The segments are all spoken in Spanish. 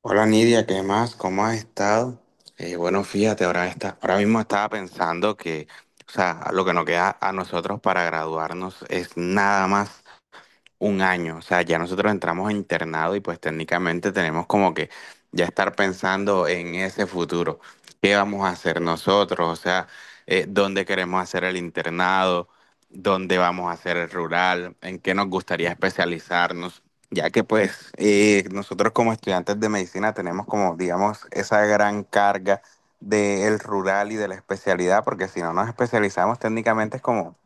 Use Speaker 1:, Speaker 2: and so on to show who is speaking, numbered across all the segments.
Speaker 1: Hola Nidia, ¿qué más? ¿Cómo has estado? Bueno, fíjate, ahora mismo estaba pensando que, o sea, lo que nos queda a nosotros para graduarnos es nada más un año, o sea, ya nosotros entramos a internado y pues técnicamente tenemos como que ya estar pensando en ese futuro, qué vamos a hacer nosotros, o sea, dónde queremos hacer el internado, dónde vamos a hacer el rural, en qué nos gustaría especializarnos, ya que pues nosotros como estudiantes de medicina tenemos como, digamos, esa gran carga del rural y de la especialidad, porque si no nos especializamos técnicamente es como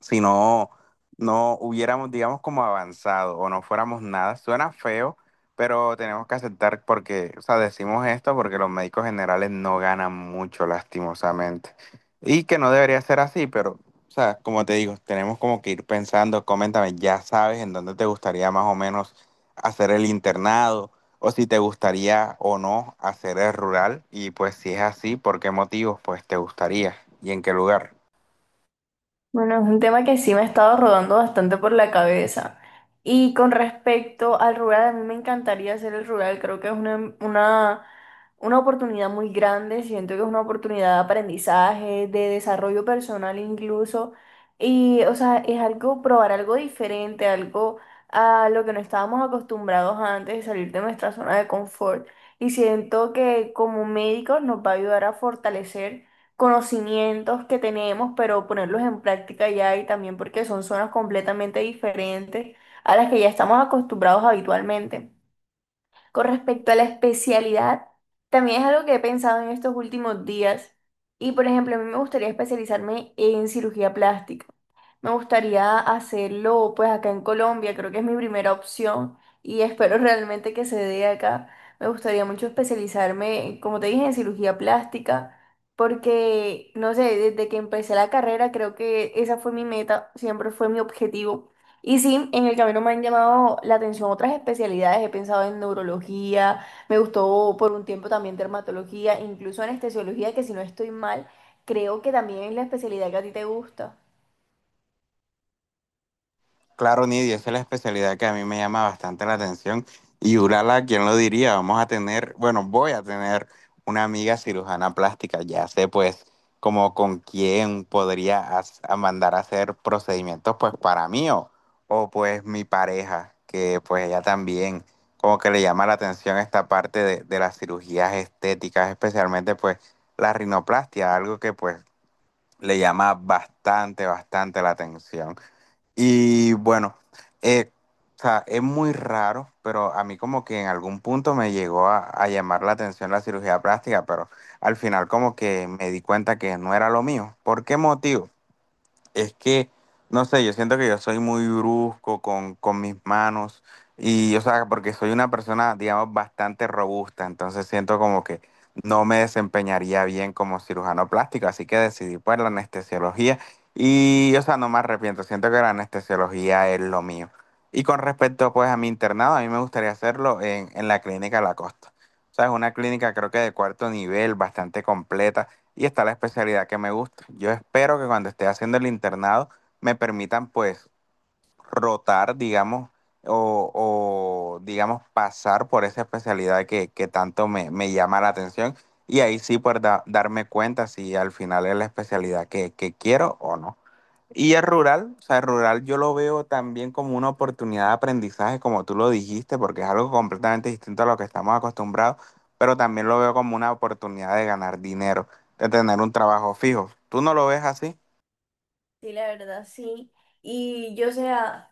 Speaker 1: si no, no hubiéramos, digamos, como avanzado o no fuéramos nada. Suena feo, pero tenemos que aceptar porque, o sea, decimos esto porque los médicos generales no ganan mucho, lastimosamente. Y que no debería ser así, pero, o sea, como te digo, tenemos como que ir pensando, coméntame, ya sabes en dónde te gustaría más o menos hacer el internado. O si te gustaría o no hacer el rural, y pues si es así, ¿por qué motivos pues te gustaría y en qué lugar?
Speaker 2: Bueno, es un tema que sí me ha estado rodando bastante por la cabeza. Y con respecto al rural, a mí me encantaría hacer el rural. Creo que es una oportunidad muy grande. Siento que es una oportunidad de aprendizaje, de desarrollo personal incluso. Y, o sea, es algo, probar algo diferente, algo a lo que no estábamos acostumbrados antes, salir de nuestra zona de confort. Y siento que como médicos nos va a ayudar a fortalecer conocimientos que tenemos, pero ponerlos en práctica ya y también porque son zonas completamente diferentes a las que ya estamos acostumbrados habitualmente. Con respecto a la especialidad, también es algo que he pensado en estos últimos días y, por ejemplo, a mí me gustaría especializarme en cirugía plástica. Me gustaría hacerlo pues acá en Colombia, creo que es mi primera opción y espero realmente que se dé acá. Me gustaría mucho especializarme, como te dije, en cirugía plástica, porque no sé, desde que empecé la carrera creo que esa fue mi meta, siempre fue mi objetivo. Y sí, en el camino me han llamado la atención otras especialidades, he pensado en neurología, me gustó por un tiempo también dermatología, incluso anestesiología, que si no estoy mal, creo que también es la especialidad que a ti te gusta.
Speaker 1: Claro, Nidia, esa es la especialidad que a mí me llama bastante la atención. Y Urala, ¿quién lo diría? Vamos a tener, bueno, voy a tener una amiga cirujana plástica. Ya sé, pues, como con quién podría as- a mandar a hacer procedimientos, pues, para mí pues, mi pareja, que, pues, ella también como que le llama la atención esta parte de las cirugías estéticas, especialmente, pues, la rinoplastia, algo que, pues, le llama bastante, bastante la atención. Y bueno, eh, o sea, es muy raro, pero a mí como que en algún punto me llegó a llamar la atención la cirugía plástica, pero al final como que me di cuenta que no era lo mío. ¿Por qué motivo? Es que, no sé, yo siento que yo soy muy brusco con mis manos y, o sea, porque soy una persona, digamos, bastante robusta, entonces siento como que no me desempeñaría bien como cirujano plástico, así que decidí por la anestesiología y, o sea, no me arrepiento, siento que la anestesiología es lo mío. Y con respecto, pues, a mi internado, a mí me gustaría hacerlo en la clínica La Costa. O sea, es una clínica creo que de cuarto nivel, bastante completa y está la especialidad que me gusta. Yo espero que cuando esté haciendo el internado me permitan pues rotar, digamos, o, digamos pasar por esa especialidad que tanto me llama la atención y ahí sí poder darme cuenta si al final es la especialidad que quiero o no. Y el rural, o sea, el rural yo lo veo también como una oportunidad de aprendizaje, como tú lo dijiste, porque es algo completamente distinto a lo que estamos acostumbrados, pero también lo veo como una oportunidad de ganar dinero, de tener un trabajo fijo. ¿Tú no lo ves así?
Speaker 2: Sí, la verdad, sí. Y yo, o sea,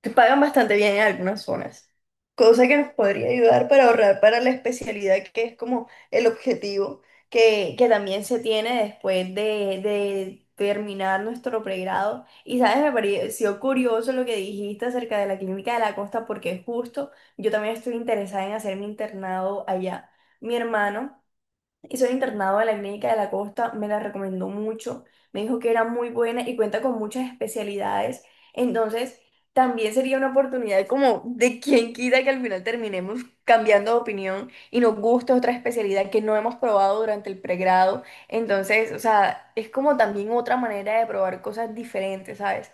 Speaker 2: que pagan bastante bien en algunas zonas, cosa que nos podría ayudar para ahorrar para la especialidad, que es como el objetivo que también se tiene después de terminar nuestro pregrado. Y, ¿sabes? Me pareció curioso lo que dijiste acerca de la clínica de la costa, porque justo yo también estoy interesada en hacer mi internado allá. Mi hermano y soy internado de la Clínica de la Costa, me la recomendó mucho, me dijo que era muy buena y cuenta con muchas especialidades, entonces también sería una oportunidad como de quien quita que al final terminemos cambiando de opinión y nos guste otra especialidad que no hemos probado durante el pregrado, entonces, o sea, es como también otra manera de probar cosas diferentes, ¿sabes?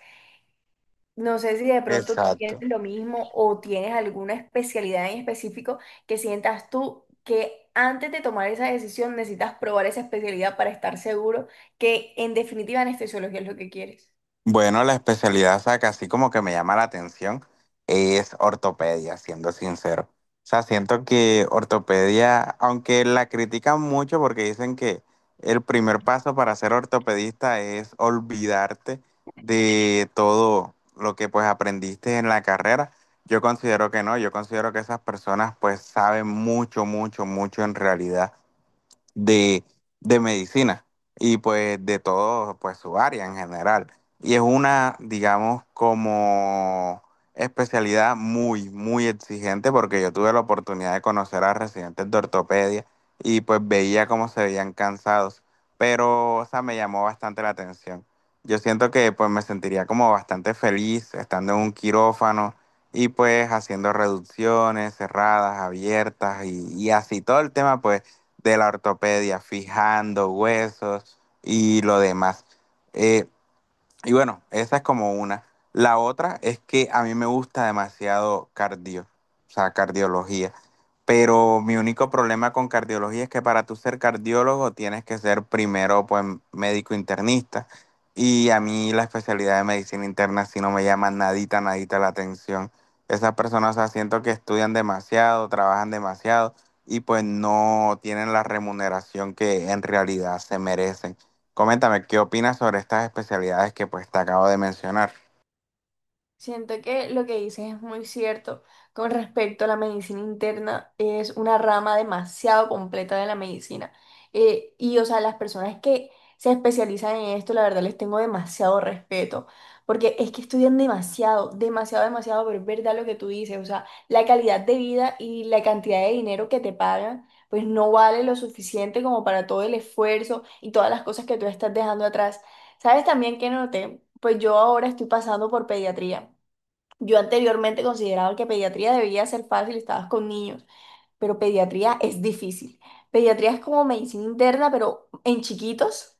Speaker 2: No sé si de pronto tú tienes
Speaker 1: Exacto.
Speaker 2: lo mismo o tienes alguna especialidad en específico que sientas tú que antes de tomar esa decisión necesitas probar esa especialidad para estar seguro que en definitiva anestesiología es lo que quieres.
Speaker 1: Bueno, la especialidad, o sea, que así como que me llama la atención, es ortopedia, siendo sincero. O sea, siento que ortopedia, aunque la critican mucho porque dicen que el primer paso para ser ortopedista es olvidarte de todo lo que pues aprendiste en la carrera, yo considero que no, yo considero que esas personas pues saben mucho, mucho, mucho en realidad de, de medicina y pues de todo pues su área en general. Y es una, digamos, como especialidad muy, muy exigente porque yo tuve la oportunidad de conocer a residentes de ortopedia y pues veía cómo se veían cansados, pero o sea, me llamó bastante la atención. Yo siento que pues me sentiría como bastante feliz estando en un quirófano y pues haciendo reducciones cerradas, abiertas y así todo el tema pues de la ortopedia, fijando huesos y lo demás. Eh, y bueno, esa es como una. La otra es que a mí me gusta demasiado cardio, o sea, cardiología. Pero mi único problema con cardiología es que para tú ser cardiólogo tienes que ser primero pues médico internista. Y a mí la especialidad de medicina interna sí no me llama nadita, nadita la atención. Esas personas, o sea, siento que estudian demasiado, trabajan demasiado y pues no tienen la remuneración que en realidad se merecen. Coméntame, ¿qué opinas sobre estas especialidades que pues te acabo de mencionar?
Speaker 2: Siento que lo que dices es muy cierto con respecto a la medicina interna, es una rama demasiado completa de la medicina. Y, o sea, las personas que se especializan en esto, la verdad les tengo demasiado respeto, porque es que estudian demasiado, demasiado, demasiado, pero es verdad lo que tú dices, o sea, la calidad de vida y la cantidad de dinero que te pagan, pues no vale lo suficiente como para todo el esfuerzo y todas las cosas que tú estás dejando atrás. ¿Sabes también que noté? Pues yo ahora estoy pasando por pediatría. Yo anteriormente consideraba que pediatría debía ser fácil, estabas con niños, pero pediatría es difícil. Pediatría es como medicina interna, pero en chiquitos.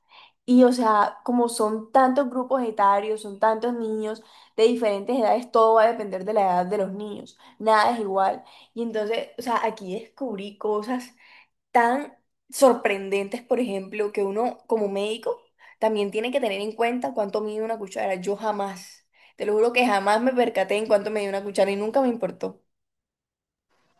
Speaker 2: Y o sea, como son tantos grupos etarios, son tantos niños de diferentes edades, todo va a depender de la edad de los niños. Nada es igual. Y entonces, o sea, aquí descubrí cosas tan sorprendentes, por ejemplo, que uno como médico también tiene que tener en cuenta cuánto mide una cuchara. Yo jamás, te lo juro que jamás me percaté en cuánto medía una cuchara y nunca me importó.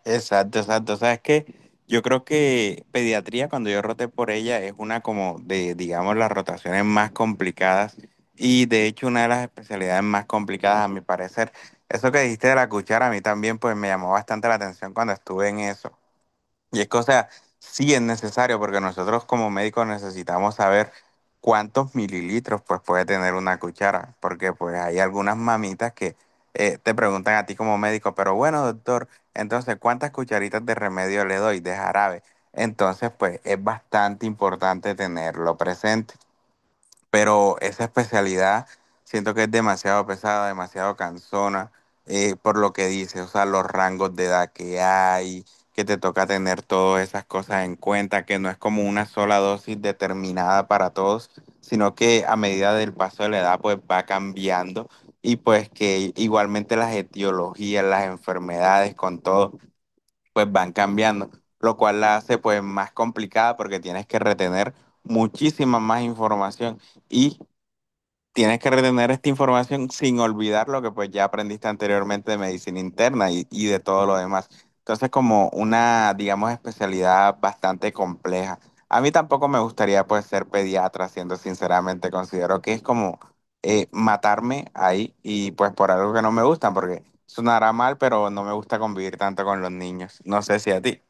Speaker 1: Exacto, exacto. Sabes que yo creo que pediatría, cuando yo roté por ella, es una como de, digamos, las rotaciones más complicadas y de hecho una de las especialidades más complicadas a mi parecer. Eso que dijiste de la cuchara, a mí también pues me llamó bastante la atención cuando estuve en eso. Y es que, o sea, sí es necesario porque nosotros como médicos necesitamos saber cuántos mililitros pues puede tener una cuchara, porque pues hay algunas mamitas que te preguntan a ti como médico, pero bueno, doctor, entonces, ¿cuántas cucharitas de remedio le doy de jarabe? Entonces, pues es bastante importante tenerlo presente, pero esa especialidad siento que es demasiado pesada, demasiado cansona, por lo que dice, o sea, los rangos de edad que hay, que te toca tener todas esas cosas en cuenta, que no es como una sola dosis determinada para todos, sino que a medida del paso de la edad, pues va cambiando y pues que igualmente las etiologías, las enfermedades con todo, pues van cambiando, lo cual la hace pues más complicada porque tienes que retener muchísima más información y tienes que retener esta información sin olvidar lo que pues ya aprendiste anteriormente de medicina interna y de todo lo demás. Entonces, como una, digamos, especialidad bastante compleja. A mí tampoco me gustaría pues ser pediatra, siendo sinceramente, considero que es como matarme ahí y pues por algo que no me gusta, porque sonará mal, pero no me gusta convivir tanto con los niños. No sé si a ti.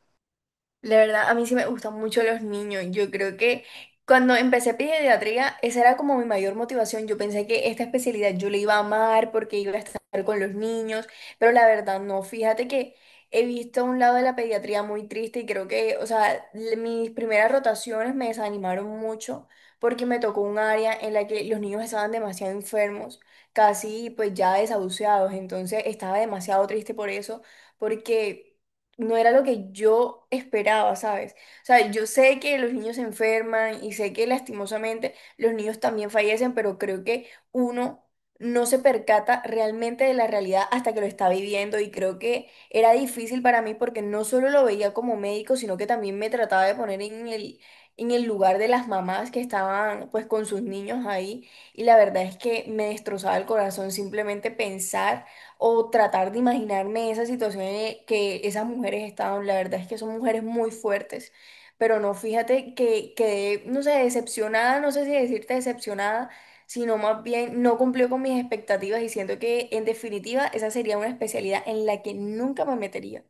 Speaker 2: La verdad, a mí sí me gustan mucho los niños. Yo creo que cuando empecé pediatría, esa era como mi mayor motivación. Yo pensé que esta especialidad yo la iba a amar porque iba a estar con los niños, pero la verdad no. Fíjate que he visto un lado de la pediatría muy triste y creo que, o sea, mis primeras rotaciones me desanimaron mucho porque me tocó un área en la que los niños estaban demasiado enfermos, casi pues ya desahuciados. Entonces estaba demasiado triste por eso, porque no era lo que yo esperaba, ¿sabes? O sea, yo sé que los niños se enferman y sé que lastimosamente los niños también fallecen, pero creo que uno no se percata realmente de la realidad hasta que lo está viviendo y creo que era difícil para mí porque no solo lo veía como médico, sino que también me trataba de poner en el lugar de las mamás que estaban pues con sus niños ahí y la verdad es que me destrozaba el corazón simplemente pensar o tratar de imaginarme esa situación en que esas mujeres estaban. La verdad es que son mujeres muy fuertes, pero no, fíjate que quedé, no sé, decepcionada, no sé si decirte decepcionada, sino más bien no cumplió con mis expectativas y siento que en definitiva esa sería una especialidad en la que nunca me metería.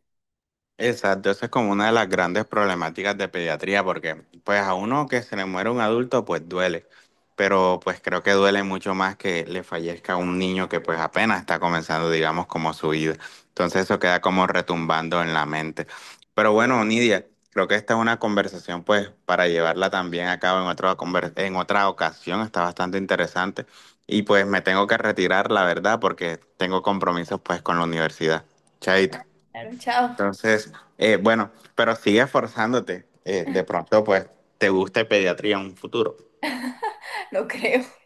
Speaker 1: Exacto, esa es como una de las grandes problemáticas de pediatría, porque pues a uno que se le muere un adulto, pues duele, pero pues creo que duele mucho más que le fallezca un niño que pues apenas está comenzando, digamos, como su vida. Entonces eso queda como retumbando en la mente. Pero bueno, Nidia, creo que esta es una conversación pues para llevarla también a cabo en otra en otra ocasión, está bastante interesante y pues me tengo que retirar, la verdad, porque tengo compromisos pues con la universidad. Chaito.
Speaker 2: Claro, chao,
Speaker 1: Entonces, bueno, pero sigue esforzándote. De pronto, pues, te guste pediatría en un futuro.
Speaker 2: no creo.